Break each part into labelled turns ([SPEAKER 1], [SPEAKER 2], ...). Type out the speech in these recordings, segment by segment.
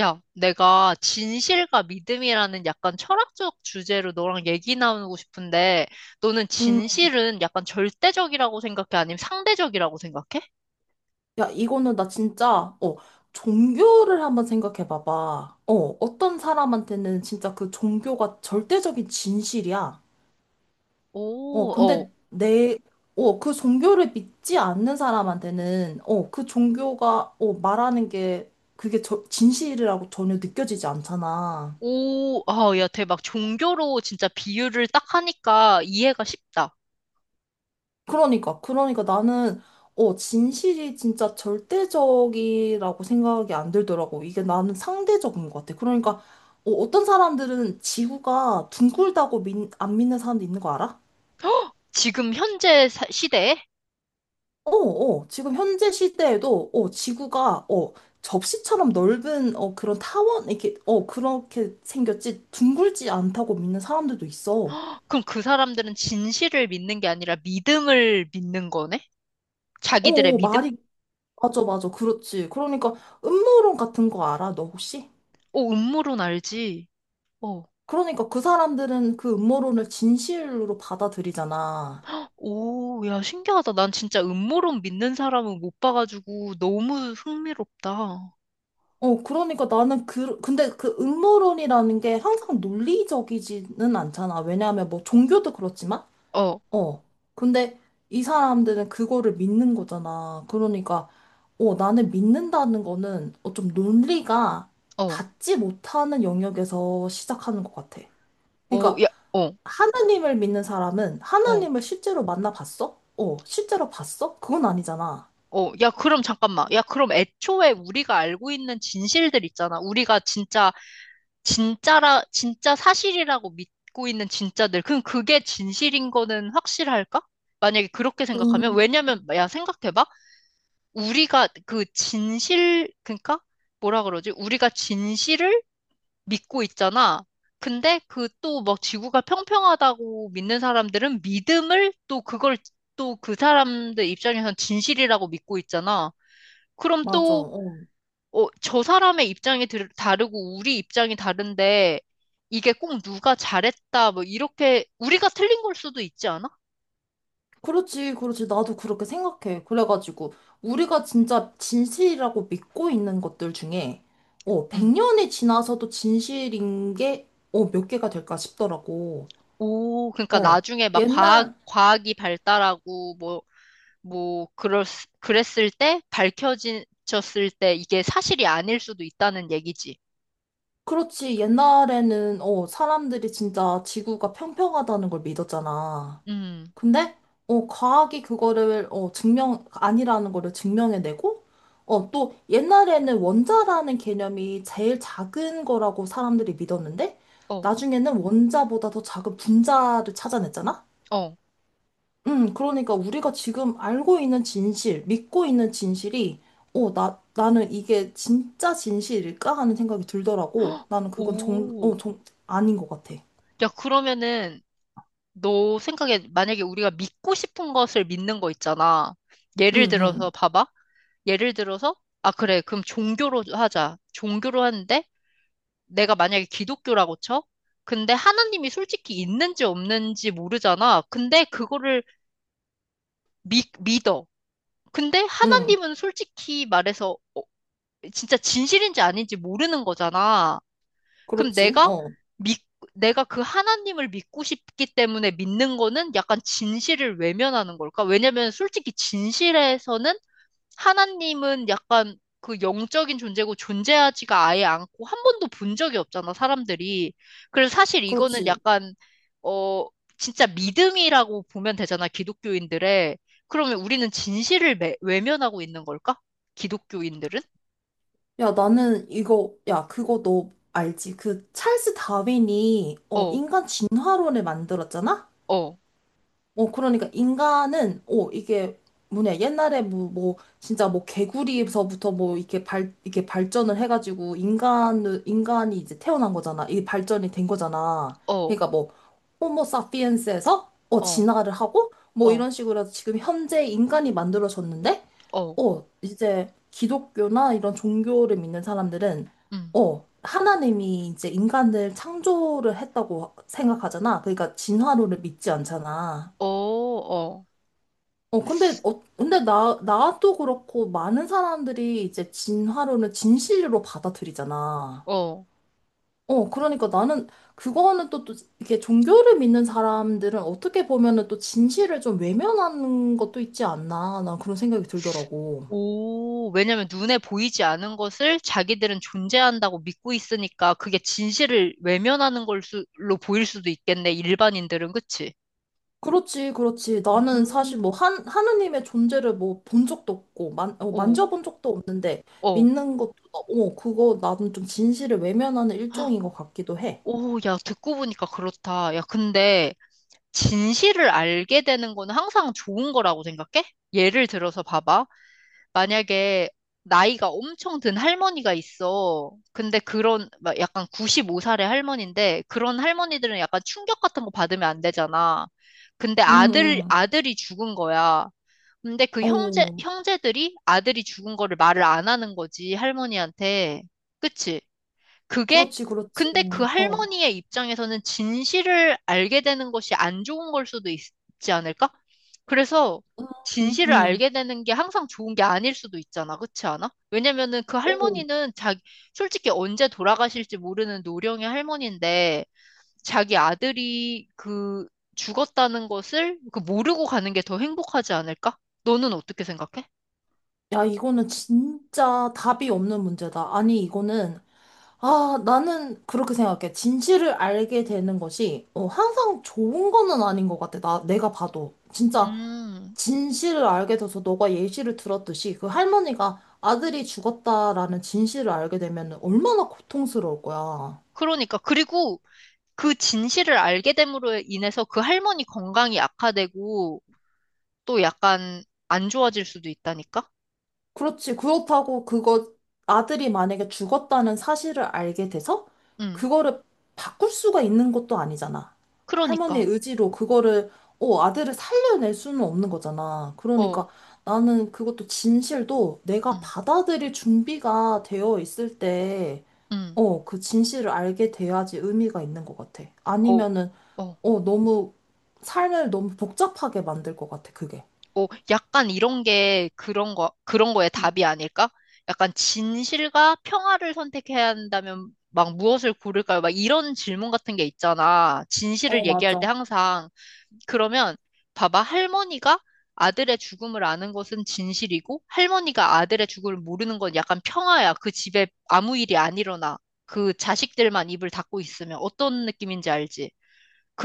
[SPEAKER 1] 야, 내가 진실과 믿음이라는 약간 철학적 주제로 너랑 얘기 나누고 싶은데, 너는
[SPEAKER 2] 음,
[SPEAKER 1] 진실은 약간 절대적이라고 생각해? 아니면 상대적이라고 생각해?
[SPEAKER 2] 야, 이거는 나 진짜, 종교를 한번 생각해 봐봐. 어, 어떤 사람한테는 진짜 그 종교가 절대적인 진실이야.
[SPEAKER 1] 오.
[SPEAKER 2] 어,
[SPEAKER 1] 어.
[SPEAKER 2] 근데 내, 어, 그 종교를 믿지 않는 사람한테는, 그 종교가, 말하는 게 그게 저, 진실이라고 전혀 느껴지지 않잖아.
[SPEAKER 1] 오, 아, 야, 대박. 종교로 진짜 비유를 딱 하니까 이해가 쉽다.
[SPEAKER 2] 그러니까 나는, 진실이 진짜 절대적이라고 생각이 안 들더라고. 이게 나는 상대적인 것 같아. 그러니까, 어떤 사람들은 지구가 둥글다고 안 믿는 사람도 있는 거 알아?
[SPEAKER 1] 지금 현재 시대에?
[SPEAKER 2] 지금 현재 시대에도, 지구가, 접시처럼 넓은, 그런 타원, 이렇게, 그렇게 생겼지, 둥글지 않다고 믿는 사람들도 있어.
[SPEAKER 1] 그럼 그 사람들은 진실을 믿는 게 아니라 믿음을 믿는 거네? 자기들의 믿음?
[SPEAKER 2] 말이, 맞아, 그렇지. 그러니까, 음모론 같은 거 알아, 너 혹시?
[SPEAKER 1] 오, 음모론 알지? 어.
[SPEAKER 2] 그러니까 그 사람들은 그 음모론을 진실로 받아들이잖아.
[SPEAKER 1] 오, 야, 신기하다. 난 진짜 음모론 믿는 사람은 못 봐가지고 너무 흥미롭다.
[SPEAKER 2] 그러니까 나는 근데 그 음모론이라는 게 항상 논리적이지는 않잖아. 왜냐하면 뭐 종교도 그렇지만,
[SPEAKER 1] 어.
[SPEAKER 2] 어. 근데 이 사람들은 그거를 믿는 거잖아. 그러니까, 나는 믿는다는 거는 좀 논리가
[SPEAKER 1] 어.
[SPEAKER 2] 닿지 못하는 영역에서 시작하는 것 같아.
[SPEAKER 1] 어.
[SPEAKER 2] 그러니까
[SPEAKER 1] 야. 어.
[SPEAKER 2] 하나님을 믿는 사람은
[SPEAKER 1] 어.
[SPEAKER 2] 하나님을 실제로 만나봤어? 실제로 봤어? 그건 아니잖아.
[SPEAKER 1] 어. 야, 그럼 잠깐만. 야, 그럼 애초에 우리가 알고 있는 진실들 있잖아. 우리가 진짜 사실이라고 믿고 있는 진짜들. 그럼 그게 진실인 거는 확실할까? 만약에 그렇게 생각하면,
[SPEAKER 2] 음,
[SPEAKER 1] 왜냐면, 야, 생각해봐. 우리가 그 진실, 그러니까 뭐라 그러지? 우리가 진실을 믿고 있잖아. 근데 그 또 막 지구가 평평하다고 믿는 사람들은 믿음을 또 그걸 또 그 사람들 입장에선 진실이라고 믿고 있잖아. 그럼
[SPEAKER 2] 맞아.
[SPEAKER 1] 또,
[SPEAKER 2] 어.
[SPEAKER 1] 저 사람의 입장이 다르고 우리 입장이 다른데 이게 꼭 누가 잘했다 뭐 이렇게 우리가 틀린 걸 수도 있지 않아?
[SPEAKER 2] 그렇지. 나도 그렇게 생각해. 그래가지고, 우리가 진짜 진실이라고 믿고 있는 것들 중에,
[SPEAKER 1] 응.
[SPEAKER 2] 100년이 지나서도 진실인 게, 몇 개가 될까 싶더라고.
[SPEAKER 1] 오, 그러니까
[SPEAKER 2] 어,
[SPEAKER 1] 나중에 막 과학,
[SPEAKER 2] 옛날,
[SPEAKER 1] 과학이 발달하고 뭐, 그랬, 그랬을 때, 밝혀졌을 때, 이게 사실이 아닐 수도 있다는 얘기지.
[SPEAKER 2] 그렇지. 옛날에는, 사람들이 진짜 지구가 평평하다는 걸 믿었잖아.
[SPEAKER 1] 음.
[SPEAKER 2] 근데 과학이 그거를 어 증명 아니라는 거를 증명해내고 또 옛날에는 원자라는 개념이 제일 작은 거라고 사람들이 믿었는데
[SPEAKER 1] 어.
[SPEAKER 2] 나중에는 원자보다 더 작은 분자를 찾아냈잖아.
[SPEAKER 1] 어.
[SPEAKER 2] 그러니까 우리가 지금 알고 있는 진실, 믿고 있는 진실이 어 나 나는 이게 진짜 진실일까 하는 생각이 들더라고.
[SPEAKER 1] 헉.
[SPEAKER 2] 나는 그건 정, 어,
[SPEAKER 1] 오.
[SPEAKER 2] 정 아닌 것 같아.
[SPEAKER 1] 야, 그러면은, 너 생각에, 만약에 우리가 믿고 싶은 것을 믿는 거 있잖아.
[SPEAKER 2] 응,
[SPEAKER 1] 예를 들어서,
[SPEAKER 2] 응,
[SPEAKER 1] 봐봐. 예를 들어서, 아, 그래. 그럼 종교로 하자. 종교로 하는데, 내가 만약에 기독교라고 쳐? 근데 하나님이 솔직히 있는지 없는지 모르잖아. 근데 그거를 믿어. 근데
[SPEAKER 2] 응.
[SPEAKER 1] 하나님은 솔직히 말해서 진짜 진실인지 아닌지 모르는 거잖아. 그럼
[SPEAKER 2] 그렇지. 어,
[SPEAKER 1] 믿, 내가 그 하나님을 믿고 싶기 때문에 믿는 거는 약간 진실을 외면하는 걸까? 왜냐면 솔직히 진실에서는 하나님은 약간 그 영적인 존재고 존재하지가 아예 않고 한 번도 본 적이 없잖아, 사람들이. 그래서 사실 이거는
[SPEAKER 2] 그렇지.
[SPEAKER 1] 약간, 어, 진짜 믿음이라고 보면 되잖아, 기독교인들의. 그러면 우리는 진실을 외면하고 있는 걸까? 기독교인들은?
[SPEAKER 2] 야, 나는 이거, 야, 그거 너 알지? 그 찰스 다윈이,
[SPEAKER 1] 어.
[SPEAKER 2] 인간 진화론을 만들었잖아?
[SPEAKER 1] 어.
[SPEAKER 2] 그러니까 인간은, 이게 뭐냐, 옛날에 진짜 뭐 개구리에서부터 뭐, 이렇게 이렇게 발전을 해가지고, 인간이 이제 태어난 거잖아. 이게 발전이 된 거잖아.
[SPEAKER 1] 어.
[SPEAKER 2] 그러니까 뭐, 호모 사피엔스에서,
[SPEAKER 1] 어.
[SPEAKER 2] 진화를 하고, 뭐
[SPEAKER 1] 어.
[SPEAKER 2] 이런 식으로 해서 지금 현재 인간이 만들어졌는데,
[SPEAKER 1] 어.
[SPEAKER 2] 이제 기독교나 이런 종교를 믿는 사람들은,
[SPEAKER 1] 음.
[SPEAKER 2] 하나님이 이제 인간을 창조를 했다고 생각하잖아. 그러니까 진화론을 믿지 않잖아.
[SPEAKER 1] 어. 어.
[SPEAKER 2] 근데 근데 나도 그렇고, 많은 사람들이 이제 진화론을 진실로 받아들이잖아.
[SPEAKER 1] 어.
[SPEAKER 2] 그러니까 나는 그거는 이렇게 종교를 믿는 사람들은 어떻게 보면은 또 진실을 좀 외면하는 것도 있지 않나. 난 그런 생각이 들더라고.
[SPEAKER 1] 오, 왜냐면 눈에 보이지 않은 것을 자기들은 존재한다고 믿고 있으니까 그게 진실을 외면하는 걸로 보일 수도 있겠네, 일반인들은, 그치?
[SPEAKER 2] 그렇지. 나는 사실 뭐,
[SPEAKER 1] 음.
[SPEAKER 2] 하느님의 존재를 뭐, 본 적도 없고,
[SPEAKER 1] 오.
[SPEAKER 2] 만져본 적도 없는데,
[SPEAKER 1] 어.
[SPEAKER 2] 믿는 것도, 그거 나는 좀 진실을 외면하는
[SPEAKER 1] 헉.
[SPEAKER 2] 일종인 것 같기도 해.
[SPEAKER 1] 오, 야, 듣고 보니까 그렇다. 야, 근데 진실을 알게 되는 거는 항상 좋은 거라고 생각해? 예를 들어서 봐봐. 만약에 나이가 엄청 든 할머니가 있어. 근데 그런, 막 약간 95살의 할머니인데, 그런 할머니들은 약간 충격 같은 거 받으면 안 되잖아. 근데
[SPEAKER 2] 응
[SPEAKER 1] 아들,
[SPEAKER 2] 응.
[SPEAKER 1] 아들이 죽은 거야. 근데 그 형제,
[SPEAKER 2] 어.
[SPEAKER 1] 형제들이 아들이 죽은 거를 말을 안 하는 거지, 할머니한테. 그치? 그게
[SPEAKER 2] 그렇지.
[SPEAKER 1] 근데 그
[SPEAKER 2] 어.
[SPEAKER 1] 할머니의 입장에서는 진실을 알게 되는 것이 안 좋은 걸 수도 있, 지 않을까? 그래서
[SPEAKER 2] 음,
[SPEAKER 1] 진실을
[SPEAKER 2] 음.
[SPEAKER 1] 알게 되는 게 항상 좋은 게 아닐 수도 있잖아. 그렇지 않아? 왜냐면은 그
[SPEAKER 2] 오,
[SPEAKER 1] 할머니는 자기 솔직히 언제 돌아가실지 모르는 노령의 할머니인데 자기 아들이 그 죽었다는 것을 그 모르고 가는 게 더 행복하지 않을까? 너는 어떻게 생각해?
[SPEAKER 2] 야, 이거는 진짜 답이 없는 문제다. 아니, 이거는, 아, 나는 그렇게 생각해. 진실을 알게 되는 것이, 항상 좋은 거는 아닌 것 같아. 내가 봐도. 진짜,
[SPEAKER 1] 음,
[SPEAKER 2] 진실을 알게 돼서 너가 예시를 들었듯이, 그 할머니가 아들이 죽었다라는 진실을 알게 되면 얼마나 고통스러울 거야.
[SPEAKER 1] 그러니까. 그리고 그 진실을 알게 됨으로 인해서 그 할머니 건강이 악화되고 또 약간 안 좋아질 수도 있다니까?
[SPEAKER 2] 그렇지. 그렇다고 그거 아들이 만약에 죽었다는 사실을 알게 돼서
[SPEAKER 1] 응.
[SPEAKER 2] 그거를 바꿀 수가 있는 것도 아니잖아. 할머니의
[SPEAKER 1] 그러니까.
[SPEAKER 2] 의지로 그거를 아들을 살려낼 수는 없는 거잖아. 그러니까
[SPEAKER 1] 어.
[SPEAKER 2] 나는 그것도 진실도
[SPEAKER 1] 응.
[SPEAKER 2] 내가 받아들일 준비가 되어 있을 때
[SPEAKER 1] 응.
[SPEAKER 2] 그 진실을 알게 돼야지 의미가 있는 것 같아.
[SPEAKER 1] 어.
[SPEAKER 2] 아니면은
[SPEAKER 1] 어.
[SPEAKER 2] 너무 삶을 너무 복잡하게 만들 것 같아, 그게.
[SPEAKER 1] 어. 약간 이런 게 그런 거 그런 거에 답이 아닐까? 약간 진실과 평화를 선택해야 한다면 막 무엇을 고를까요? 막 이런 질문 같은 게 있잖아.
[SPEAKER 2] 어,
[SPEAKER 1] 진실을 얘기할 때
[SPEAKER 2] 맞아.
[SPEAKER 1] 항상 그러면 봐봐. 할머니가 아들의 죽음을 아는 것은 진실이고 할머니가 아들의 죽음을 모르는 건 약간 평화야. 그 집에 아무 일이 안 일어나. 그 자식들만 입을 닫고 있으면 어떤 느낌인지 알지?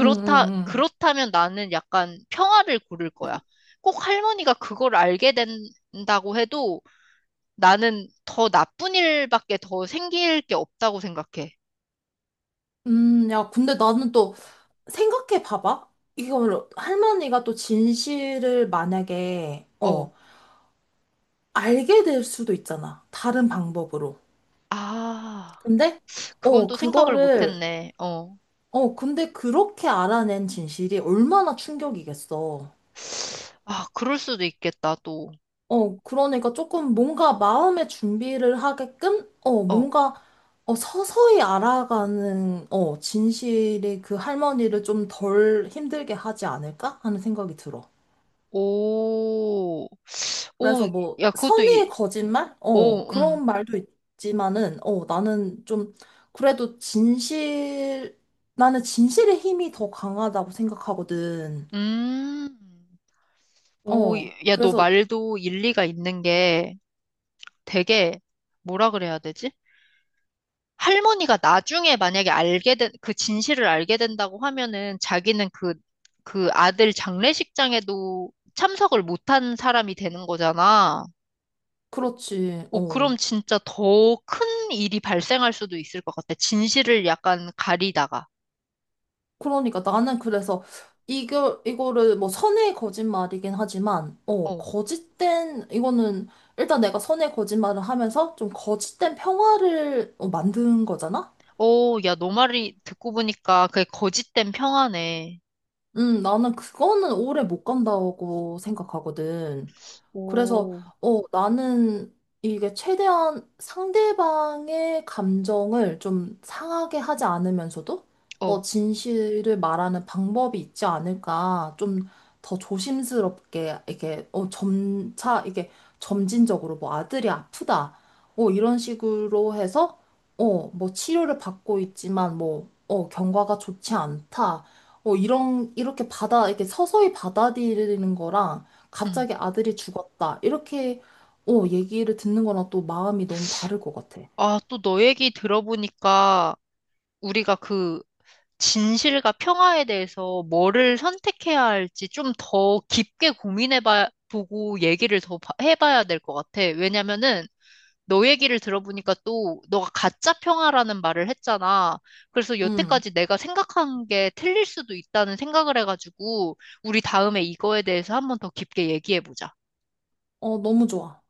[SPEAKER 2] 응, 응, 응.
[SPEAKER 1] 그렇다면 나는 약간 평화를 고를 거야. 꼭 할머니가 그걸 알게 된다고 해도 나는 더 나쁜 일밖에 더 생길 게 없다고 생각해.
[SPEAKER 2] 야, 근데 나는 또 생각해 봐봐. 이걸 할머니가 또 진실을 만약에,
[SPEAKER 1] 어.
[SPEAKER 2] 알게 될 수도 있잖아. 다른 방법으로.
[SPEAKER 1] 아,
[SPEAKER 2] 근데,
[SPEAKER 1] 그건
[SPEAKER 2] 어,
[SPEAKER 1] 또 생각을 못
[SPEAKER 2] 그거를,
[SPEAKER 1] 했네. 어.
[SPEAKER 2] 근데 그렇게 알아낸 진실이 얼마나 충격이겠어.
[SPEAKER 1] 아, 그럴 수도 있겠다, 또.
[SPEAKER 2] 그러니까 조금 뭔가 마음의 준비를 하게끔, 어,
[SPEAKER 1] 어.
[SPEAKER 2] 뭔가, 서서히 알아가는, 진실이 그 할머니를 좀 덜 힘들게 하지 않을까? 하는 생각이 들어.
[SPEAKER 1] 오.
[SPEAKER 2] 그래서
[SPEAKER 1] 오,
[SPEAKER 2] 뭐
[SPEAKER 1] 야, 그것도,
[SPEAKER 2] 선의의 거짓말?
[SPEAKER 1] 오. 음.
[SPEAKER 2] 그런 말도 있지만은 그래도 진실 나는 진실의 힘이 더 강하다고 생각하거든.
[SPEAKER 1] 음. 오,
[SPEAKER 2] 어,
[SPEAKER 1] 야, 너
[SPEAKER 2] 그래서
[SPEAKER 1] 말도 일리가 있는 게 되게, 뭐라 그래야 되지? 할머니가 나중에 만약에 알게 된, 그 진실을 알게 된다고 하면은 자기는 그, 그 아들 장례식장에도 참석을 못한 사람이 되는 거잖아.
[SPEAKER 2] 그렇지.
[SPEAKER 1] 오, 그럼
[SPEAKER 2] 어.
[SPEAKER 1] 진짜 더 큰 일이 발생할 수도 있을 것 같아. 진실을 약간 가리다가.
[SPEAKER 2] 그러니까 나는 그래서 이거를 뭐 선의의 거짓말이긴 하지만 어,
[SPEAKER 1] 어.
[SPEAKER 2] 거짓된 이거는 일단 내가 선의의 거짓말을 하면서 좀 거짓된 평화를 만든 거잖아.
[SPEAKER 1] 오, 야, 너 말이 듣고 보니까 그게 거짓된 평화네.
[SPEAKER 2] 나는 그거는 오래 못 간다고 생각하거든. 그래서
[SPEAKER 1] 오.
[SPEAKER 2] 나는 이게 최대한 상대방의 감정을 좀 상하게 하지 않으면서도
[SPEAKER 1] 어.
[SPEAKER 2] 진실을 말하는 방법이 있지 않을까 좀 더 조심스럽게 이게 점차 이게 점진적으로 뭐 아들이 아프다 이런 식으로 해서 뭐 치료를 받고 있지만 뭐 경과가 좋지 않다 어, 이런 이렇게 받아 이렇게 서서히 받아들이는 거랑
[SPEAKER 1] 음.
[SPEAKER 2] 갑자기 아들이 죽었다. 이렇게, 얘기를 듣는 거랑 또 마음이 너무 다를 것 같아.
[SPEAKER 1] 아, 또 너 얘기 들어보니까 우리가 그 진실과 평화에 대해서 뭐를 선택해야 할지 좀 더 깊게 고민해봐, 보고 얘기를 더 해봐야 될 것 같아. 왜냐면은 너 얘기를 들어보니까 또 너가 가짜 평화라는 말을 했잖아. 그래서
[SPEAKER 2] 음,
[SPEAKER 1] 여태까지 내가 생각한 게 틀릴 수도 있다는 생각을 해가지고 우리 다음에 이거에 대해서 한번 더 깊게 얘기해보자.
[SPEAKER 2] 어, 너무 좋아.